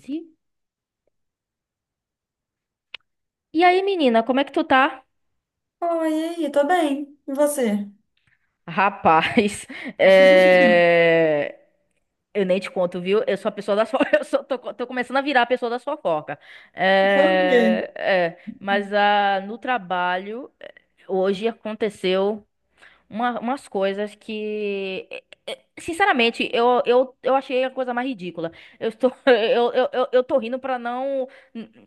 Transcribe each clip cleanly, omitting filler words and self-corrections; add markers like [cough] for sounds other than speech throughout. Sim. E aí, menina, como é que tu tá? Oi, e aí, tô bem. E você? Rapaz, [laughs] é, eu nem te conto, viu? Eu sou a pessoa da fo... [laughs] eu sou... tô... co- tô começando a virar a pessoa da fofoca. Foi o quê? Mas no trabalho, hoje aconteceu umas coisas que, sinceramente, eu achei a coisa mais ridícula. [laughs] Eu... eu tô rindo pra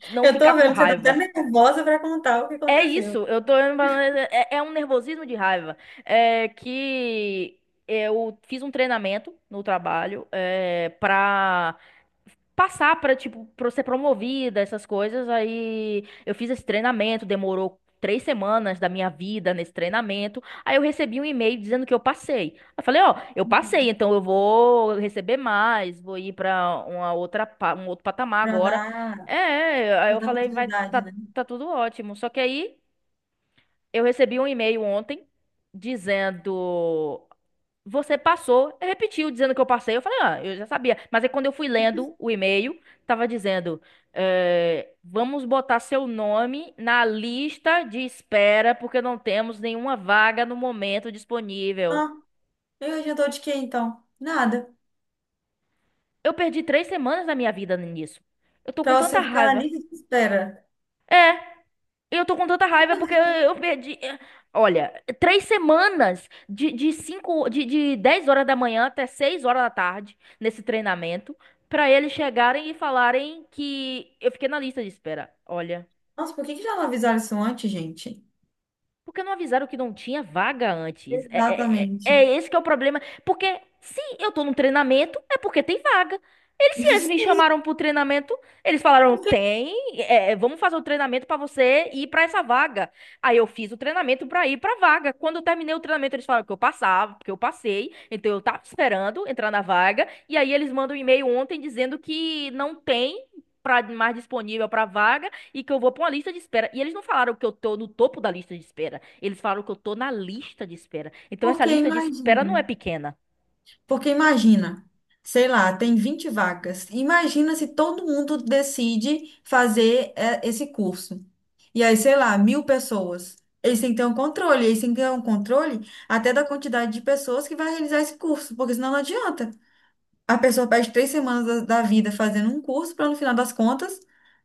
não Eu ficar tô com vendo que você tá até raiva. nervosa pra contar o que É aconteceu. isso, é um nervosismo de raiva. É que eu fiz um treinamento no trabalho pra passar pra, tipo, pra ser promovida, essas coisas. Aí eu fiz esse treinamento, demorou 3 semanas da minha vida nesse treinamento. Aí eu recebi um e-mail dizendo que eu passei. Eu falei, ó, eu passei, Uhum. então eu vou receber mais, vou ir pra um outro patamar Pra agora. dar, Aí pra eu dar falei, vai, continuidade, tá, né? tá tudo ótimo. Só que aí, eu recebi um e-mail ontem dizendo: Você passou. Eu repetiu dizendo que eu passei. Eu falei: Ah, eu já sabia. Mas aí quando eu fui lendo o e-mail, tava dizendo: vamos botar seu nome na lista de espera porque não temos nenhuma vaga no momento disponível. Ah, eu adiantou de quê então? Nada. Eu perdi 3 semanas da minha vida nisso. Eu tô com Pra tanta você ficar na raiva. lista de espera. Eu tô com tanta Por que que raiva não porque deixa- eu perdi. Olha, 3 semanas de cinco, de 10 horas da manhã até 6 horas da tarde nesse treinamento, pra eles chegarem e falarem que eu fiquei na lista de espera. Olha. Nossa, por que que já não avisaram isso antes, gente? Porque não avisaram que não tinha vaga antes? É, é, é- Exatamente. é esse que é o problema. Porque se eu tô num treinamento, é porque tem vaga. Se eles me Sim, chamaram pro treinamento, eles falaram: porque, tem, vamos fazer o treinamento pra você ir pra essa vaga. Aí eu fiz o treinamento pra ir pra vaga. Quando eu terminei o treinamento, eles falaram que eu passava, que eu passei. Então eu tava esperando entrar na vaga. E aí eles mandam um e-mail ontem dizendo que não tem mais disponível pra vaga e que eu vou pra uma lista de espera. E eles não falaram que eu tô no topo da lista de espera. Eles falaram que eu tô na lista de espera. Então essa porque lista de espera não imagina. é pequena. Porque imagina, sei lá, tem 20 vagas. Imagina se todo mundo decide fazer esse curso. E aí, sei lá, mil pessoas. Eles têm que ter um controle, eles têm que ter um controle até da quantidade de pessoas que vai realizar esse curso, porque senão não adianta. A pessoa perde três semanas da vida fazendo um curso para, no final das contas,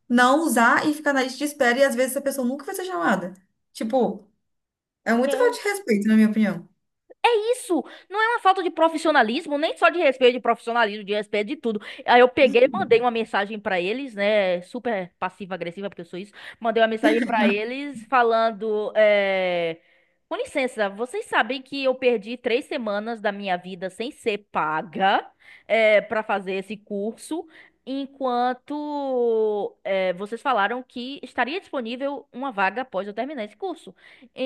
não usar e ficar na lista de espera, e às vezes essa pessoa nunca vai ser chamada. Tipo, é muito falta de respeito, na minha opinião. É isso, não é uma falta de profissionalismo, nem só de respeito de profissionalismo, de respeito de tudo. Aí eu peguei, mandei uma mensagem pra eles, né, super passiva-agressiva, porque eu sou isso. Mandei uma mensagem pra eles falando, com licença, vocês sabem que eu perdi três semanas da minha vida sem ser paga, para fazer esse curso, enquanto, vocês falaram que estaria disponível uma vaga após eu terminar esse curso.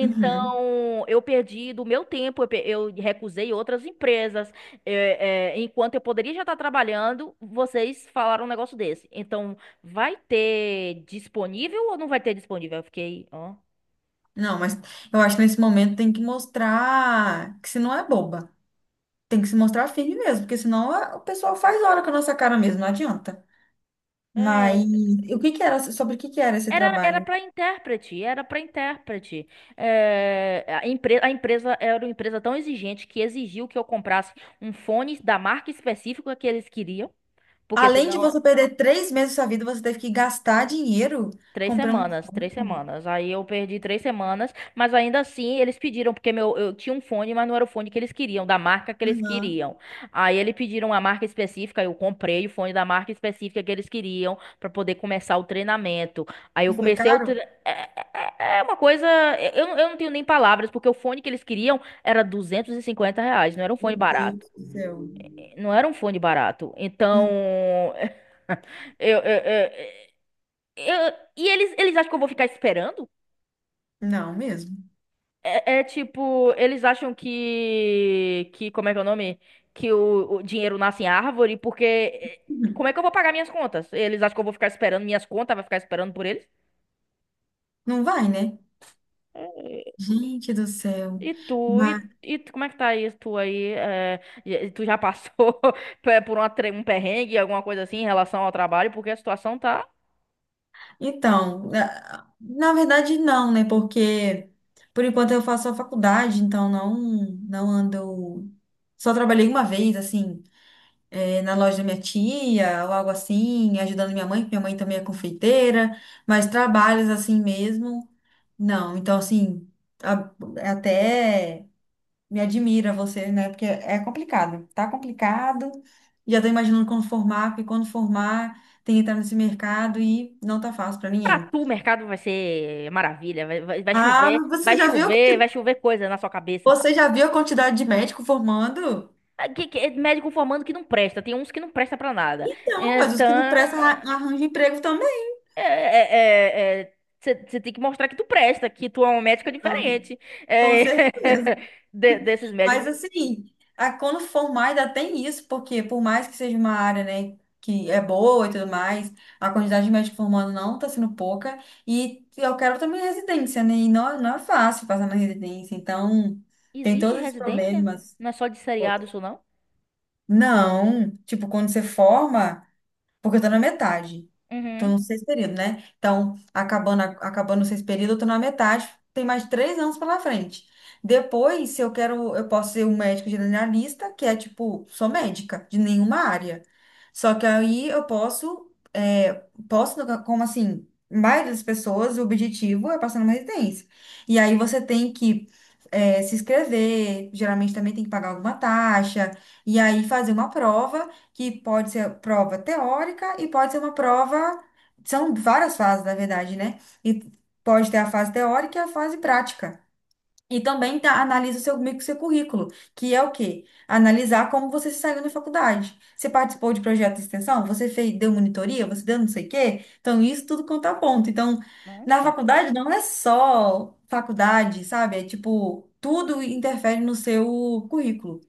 Uhum. eu perdi do meu tempo, eu recusei outras empresas, enquanto eu poderia já estar trabalhando, vocês falaram um negócio desse. Então, vai ter disponível ou não vai ter disponível? Eu fiquei, ó. Não, mas eu acho que nesse momento tem que mostrar que se não é boba. Tem que se mostrar firme mesmo, porque senão a- o pessoal faz hora com a nossa cara mesmo, não adianta. Mas É, o que que era, sobre o que que era esse era trabalho? para intérprete, era para intérprete. A empresa era uma empresa tão exigente que exigiu que eu comprasse um fone da marca específica que eles queriam, porque Além de senão. você perder três meses da sua vida, você teve que gastar dinheiro Três comprando um semanas, três fone. semanas. Aí eu perdi 3 semanas, mas ainda assim eles pediram, porque meu, eu tinha um fone, mas não era o fone que eles queriam, da marca que eles Aham. queriam. Aí eles pediram a marca específica, eu comprei o fone da marca específica que eles queriam pra poder começar o treinamento. Aí eu Não foi comecei o tre... caro? É é- é uma coisa. Eu não tenho nem palavras, porque o fone que eles queriam era R$ 250, não era um Meu fone barato. Deus do céu. Não era um fone barato. Então. Sim. [laughs] Eu, eu, eu, E eles acham que eu vou ficar esperando? Não, mesmo. É tipo, eles acham que, como é que é o nome? Que o dinheiro nasce em árvore, porque Uhum. como é que eu vou pagar minhas contas? Eles acham que eu vou ficar esperando minhas contas, vai ficar esperando por eles? Não vai, né? Eh, Gente do céu. E tu, Mas, e, e tu, como é que tá isso tu aí? Tu já passou [laughs] por um perrengue, alguma coisa assim em relação ao trabalho? Porque a situação tá. então, na verdade, não, né? Porque por enquanto eu faço a faculdade, então não, não ando. Só trabalhei uma vez, assim. Na loja da minha tia, ou algo assim, ajudando minha mãe, porque minha mãe também é confeiteira, mas trabalhos assim mesmo, não. Então, assim, a- até me admira você, né? Porque é complicado, tá complicado. Já tô imaginando quando formar, porque quando formar tem que entrar nesse mercado e não tá fácil pra Pra ninguém. tu, o mercado vai ser maravilha, vai, vai, vai Ah, chover, mas você vai já viu, a chover, quanti- vai chover coisa na sua cabeça. você já viu a quantidade de médico formando? Ah, é médico formando que não presta, tem uns que não presta pra nada. Então, mas os Então, que não prestam arra- arranjam emprego também. é, você tem que mostrar que tu presta, que tu é uma médica Não, diferente com é, certeza. [laughs] Desses Mas médicos. assim, a- quando formar ainda tem isso, porque por mais que seja uma área, né, que é boa e tudo mais, a quantidade de médicos formando não está sendo pouca. E eu quero também residência, né? E não, não é fácil passar na residência, então tem Existe todos esses residência? problemas. Não é só de seriado isso, não? Não, tipo, quando você forma. Porque eu tô na metade. Tô Uhum. no sexto período, né? Então, acabando, a- acabando o sexto período, eu tô na metade. Tem mais três anos pela frente. Depois, se eu quero, eu posso ser um médico generalista, que é tipo, sou médica de nenhuma área. Só que aí eu posso, posso, como assim, a maioria das pessoas, o objetivo é passar numa residência. E aí você tem que, se inscrever, geralmente também tem que pagar alguma taxa, e aí fazer uma prova que pode ser prova teórica e pode ser uma prova. São várias fases, na verdade, né? E pode ter a fase teórica e a fase prática. E também tá, analisa o seu, meio que o seu currículo, que é o quê? Analisar como você se saiu na faculdade. Você participou de projeto de extensão? Você fez, deu monitoria? Você deu não sei o quê? Então, isso tudo conta ponto. Então, na Nossa. faculdade não é só faculdade, sabe? É tipo, tudo interfere no seu currículo.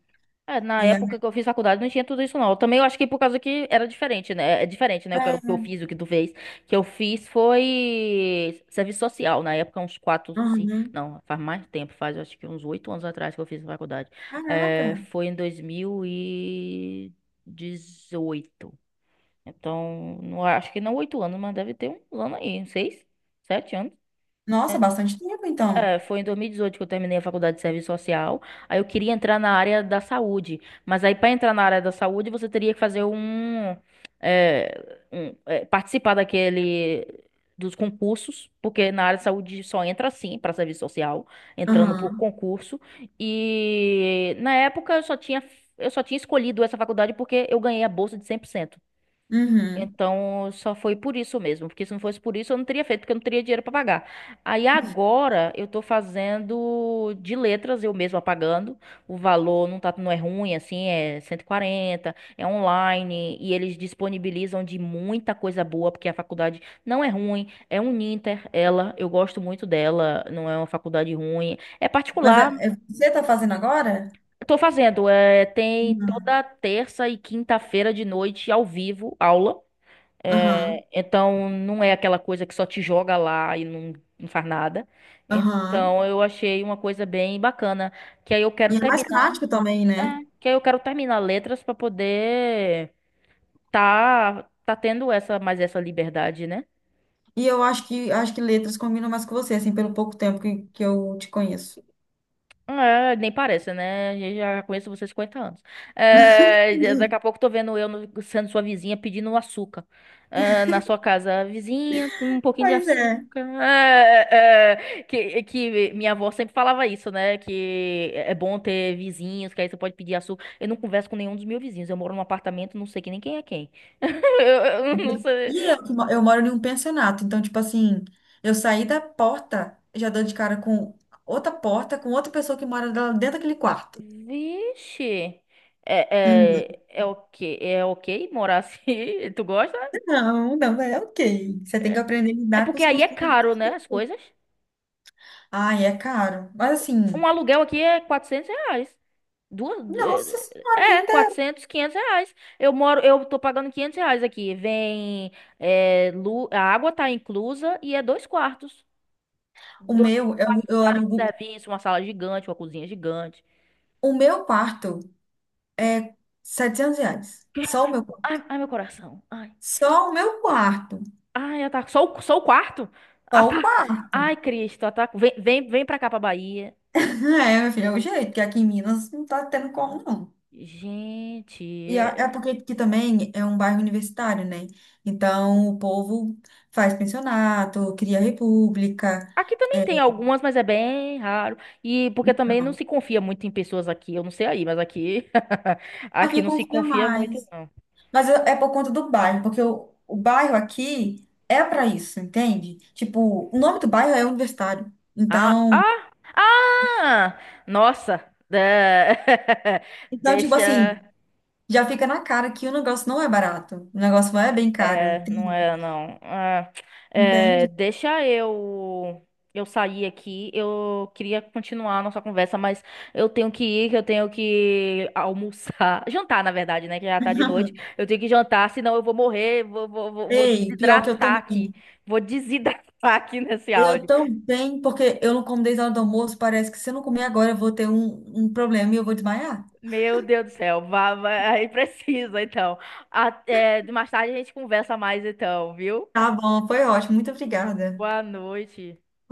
Na E aí, época que eu fiz faculdade não tinha tudo isso não. Também eu acho que por causa que era diferente, né? É diferente, né? O que eu é, fiz, o que tu fez. O que eu fiz foi serviço social. Na época, uns quatro, cinco. uhum. Não, faz mais tempo. Eu acho que uns 8 anos atrás que eu fiz faculdade. Caraca! Foi em 2018. Então, não, acho que não 8 anos, mas deve ter uns anos aí. 6, 7 anos Nossa, bastante tempo, então. queria, foi em 2018 que eu terminei a faculdade de serviço social. Aí eu queria entrar na área da saúde, mas aí para entrar na área da saúde você teria que fazer é, participar daquele dos concursos, porque na área de saúde só entra assim para serviço social, entrando por Aham. concurso. E na época eu só tinha escolhido essa faculdade porque eu ganhei a bolsa de 100%. Uhum. Então, só foi por isso mesmo, porque se não fosse por isso, eu não teria feito, porque eu não teria dinheiro para pagar. Aí agora eu tô fazendo de letras, eu mesma pagando. O valor não tá, não é ruim, assim, é 140, é online, e eles disponibilizam de muita coisa boa, porque a faculdade não é ruim, é um Uninter, ela, eu gosto muito dela, não é uma faculdade ruim, é Mas particular. Você está fazendo agora? Tô fazendo, tem Aham, toda terça e quinta-feira de noite ao vivo aula. aham. Então não é aquela coisa que só te joga lá e não, não faz nada. Aham. Então eu achei uma coisa bem bacana, que aí eu E quero é mais terminar, prático também, é, né? que aí eu quero terminar letras para poder tá tendo essa mais essa liberdade, né? E eu acho que letras combinam mais com você, assim, pelo pouco tempo que eu te conheço. Nem parece, né? Eu já conheço você há 50 anos. Daqui a pouco tô vendo eu no- sendo sua vizinha pedindo um açúcar, na sua casa. Vizinha, tem um pouquinho de Pois é. açúcar. Que minha avó sempre falava isso, né? Que é bom ter vizinhos, que aí você pode pedir açúcar. Eu não converso com nenhum dos meus vizinhos. Eu moro num apartamento, não sei que nem quem é quem. [laughs] Eu, eu não sei. E eu, que mo- eu moro em um pensionato, então, tipo assim, eu saí da porta, já dou de cara com outra porta, com outra pessoa que mora lá dentro daquele quarto. Vixe. Uhum. É ok morar assim? [laughs] Tu gosta? Não, não, é ok. Você tem que aprender a É lidar com porque os aí é costumes. caro, né? As coisas. Ai, é caro. Mas assim. Um aluguel aqui é R$ 400. Duas. Du- Nossa eh, eh, senhora, que É, ainda é. R$ 400, R$ 500. Eu tô pagando R$ 500 aqui. Vem. A água tá inclusa e é dois quartos. O Dois meu, quartos, eu área de alugo. serviço, uma sala gigante, uma cozinha gigante. O meu quarto é setecentos 700 reais. Só o meu Ai, quarto. ai, meu coração. Ai. Só o meu quarto. Ai, ataco. Só o quarto? Só Ata... o quarto. [laughs] Ai, Cristo, ataco. Vem, vem, vem pra cá, pra Bahia. É, meu filho, é o jeito, que aqui em Minas não tá tendo como, não. Gente. E é porque aqui também é um bairro universitário, né? Então o povo faz pensionato, cria república. Aqui também é, tem algumas, mas é bem raro. E porque também não não. se confia muito em pessoas aqui. Eu não sei aí, mas aqui. [laughs] Aqui Aqui não se confia confia muito, mais. não. Mas é por conta do bairro, porque o bairro aqui é para isso, entende? Tipo, o nome do bairro é Universitário. Ah, Então, ah, ah! Nossa! Da- [laughs] então, tipo assim, Deixa. já fica na cara que o negócio não é barato. O negócio não é bem caro, Não entende? era não. Ah, é, Entende? deixa eu sair aqui. Eu queria continuar a nossa conversa, mas eu tenho que ir, que eu tenho que almoçar, [laughs] jantar, na verdade, né? Que já tá de noite. Eu tenho que jantar, senão eu vou morrer, vou Ei, pior que eu desidratar aqui. também. Vou desidratar [laughs] aqui nesse Eu áudio. também, porque eu não como desde a hora do almoço, parece que se eu não comer agora eu vou ter um problema e eu vou desmaiar. Meu Deus do céu, vá, vá, aí precisa, então. Até mais tarde a gente conversa mais, então, viu? Tá bom, foi ótimo. Muito obrigada. Boa noite.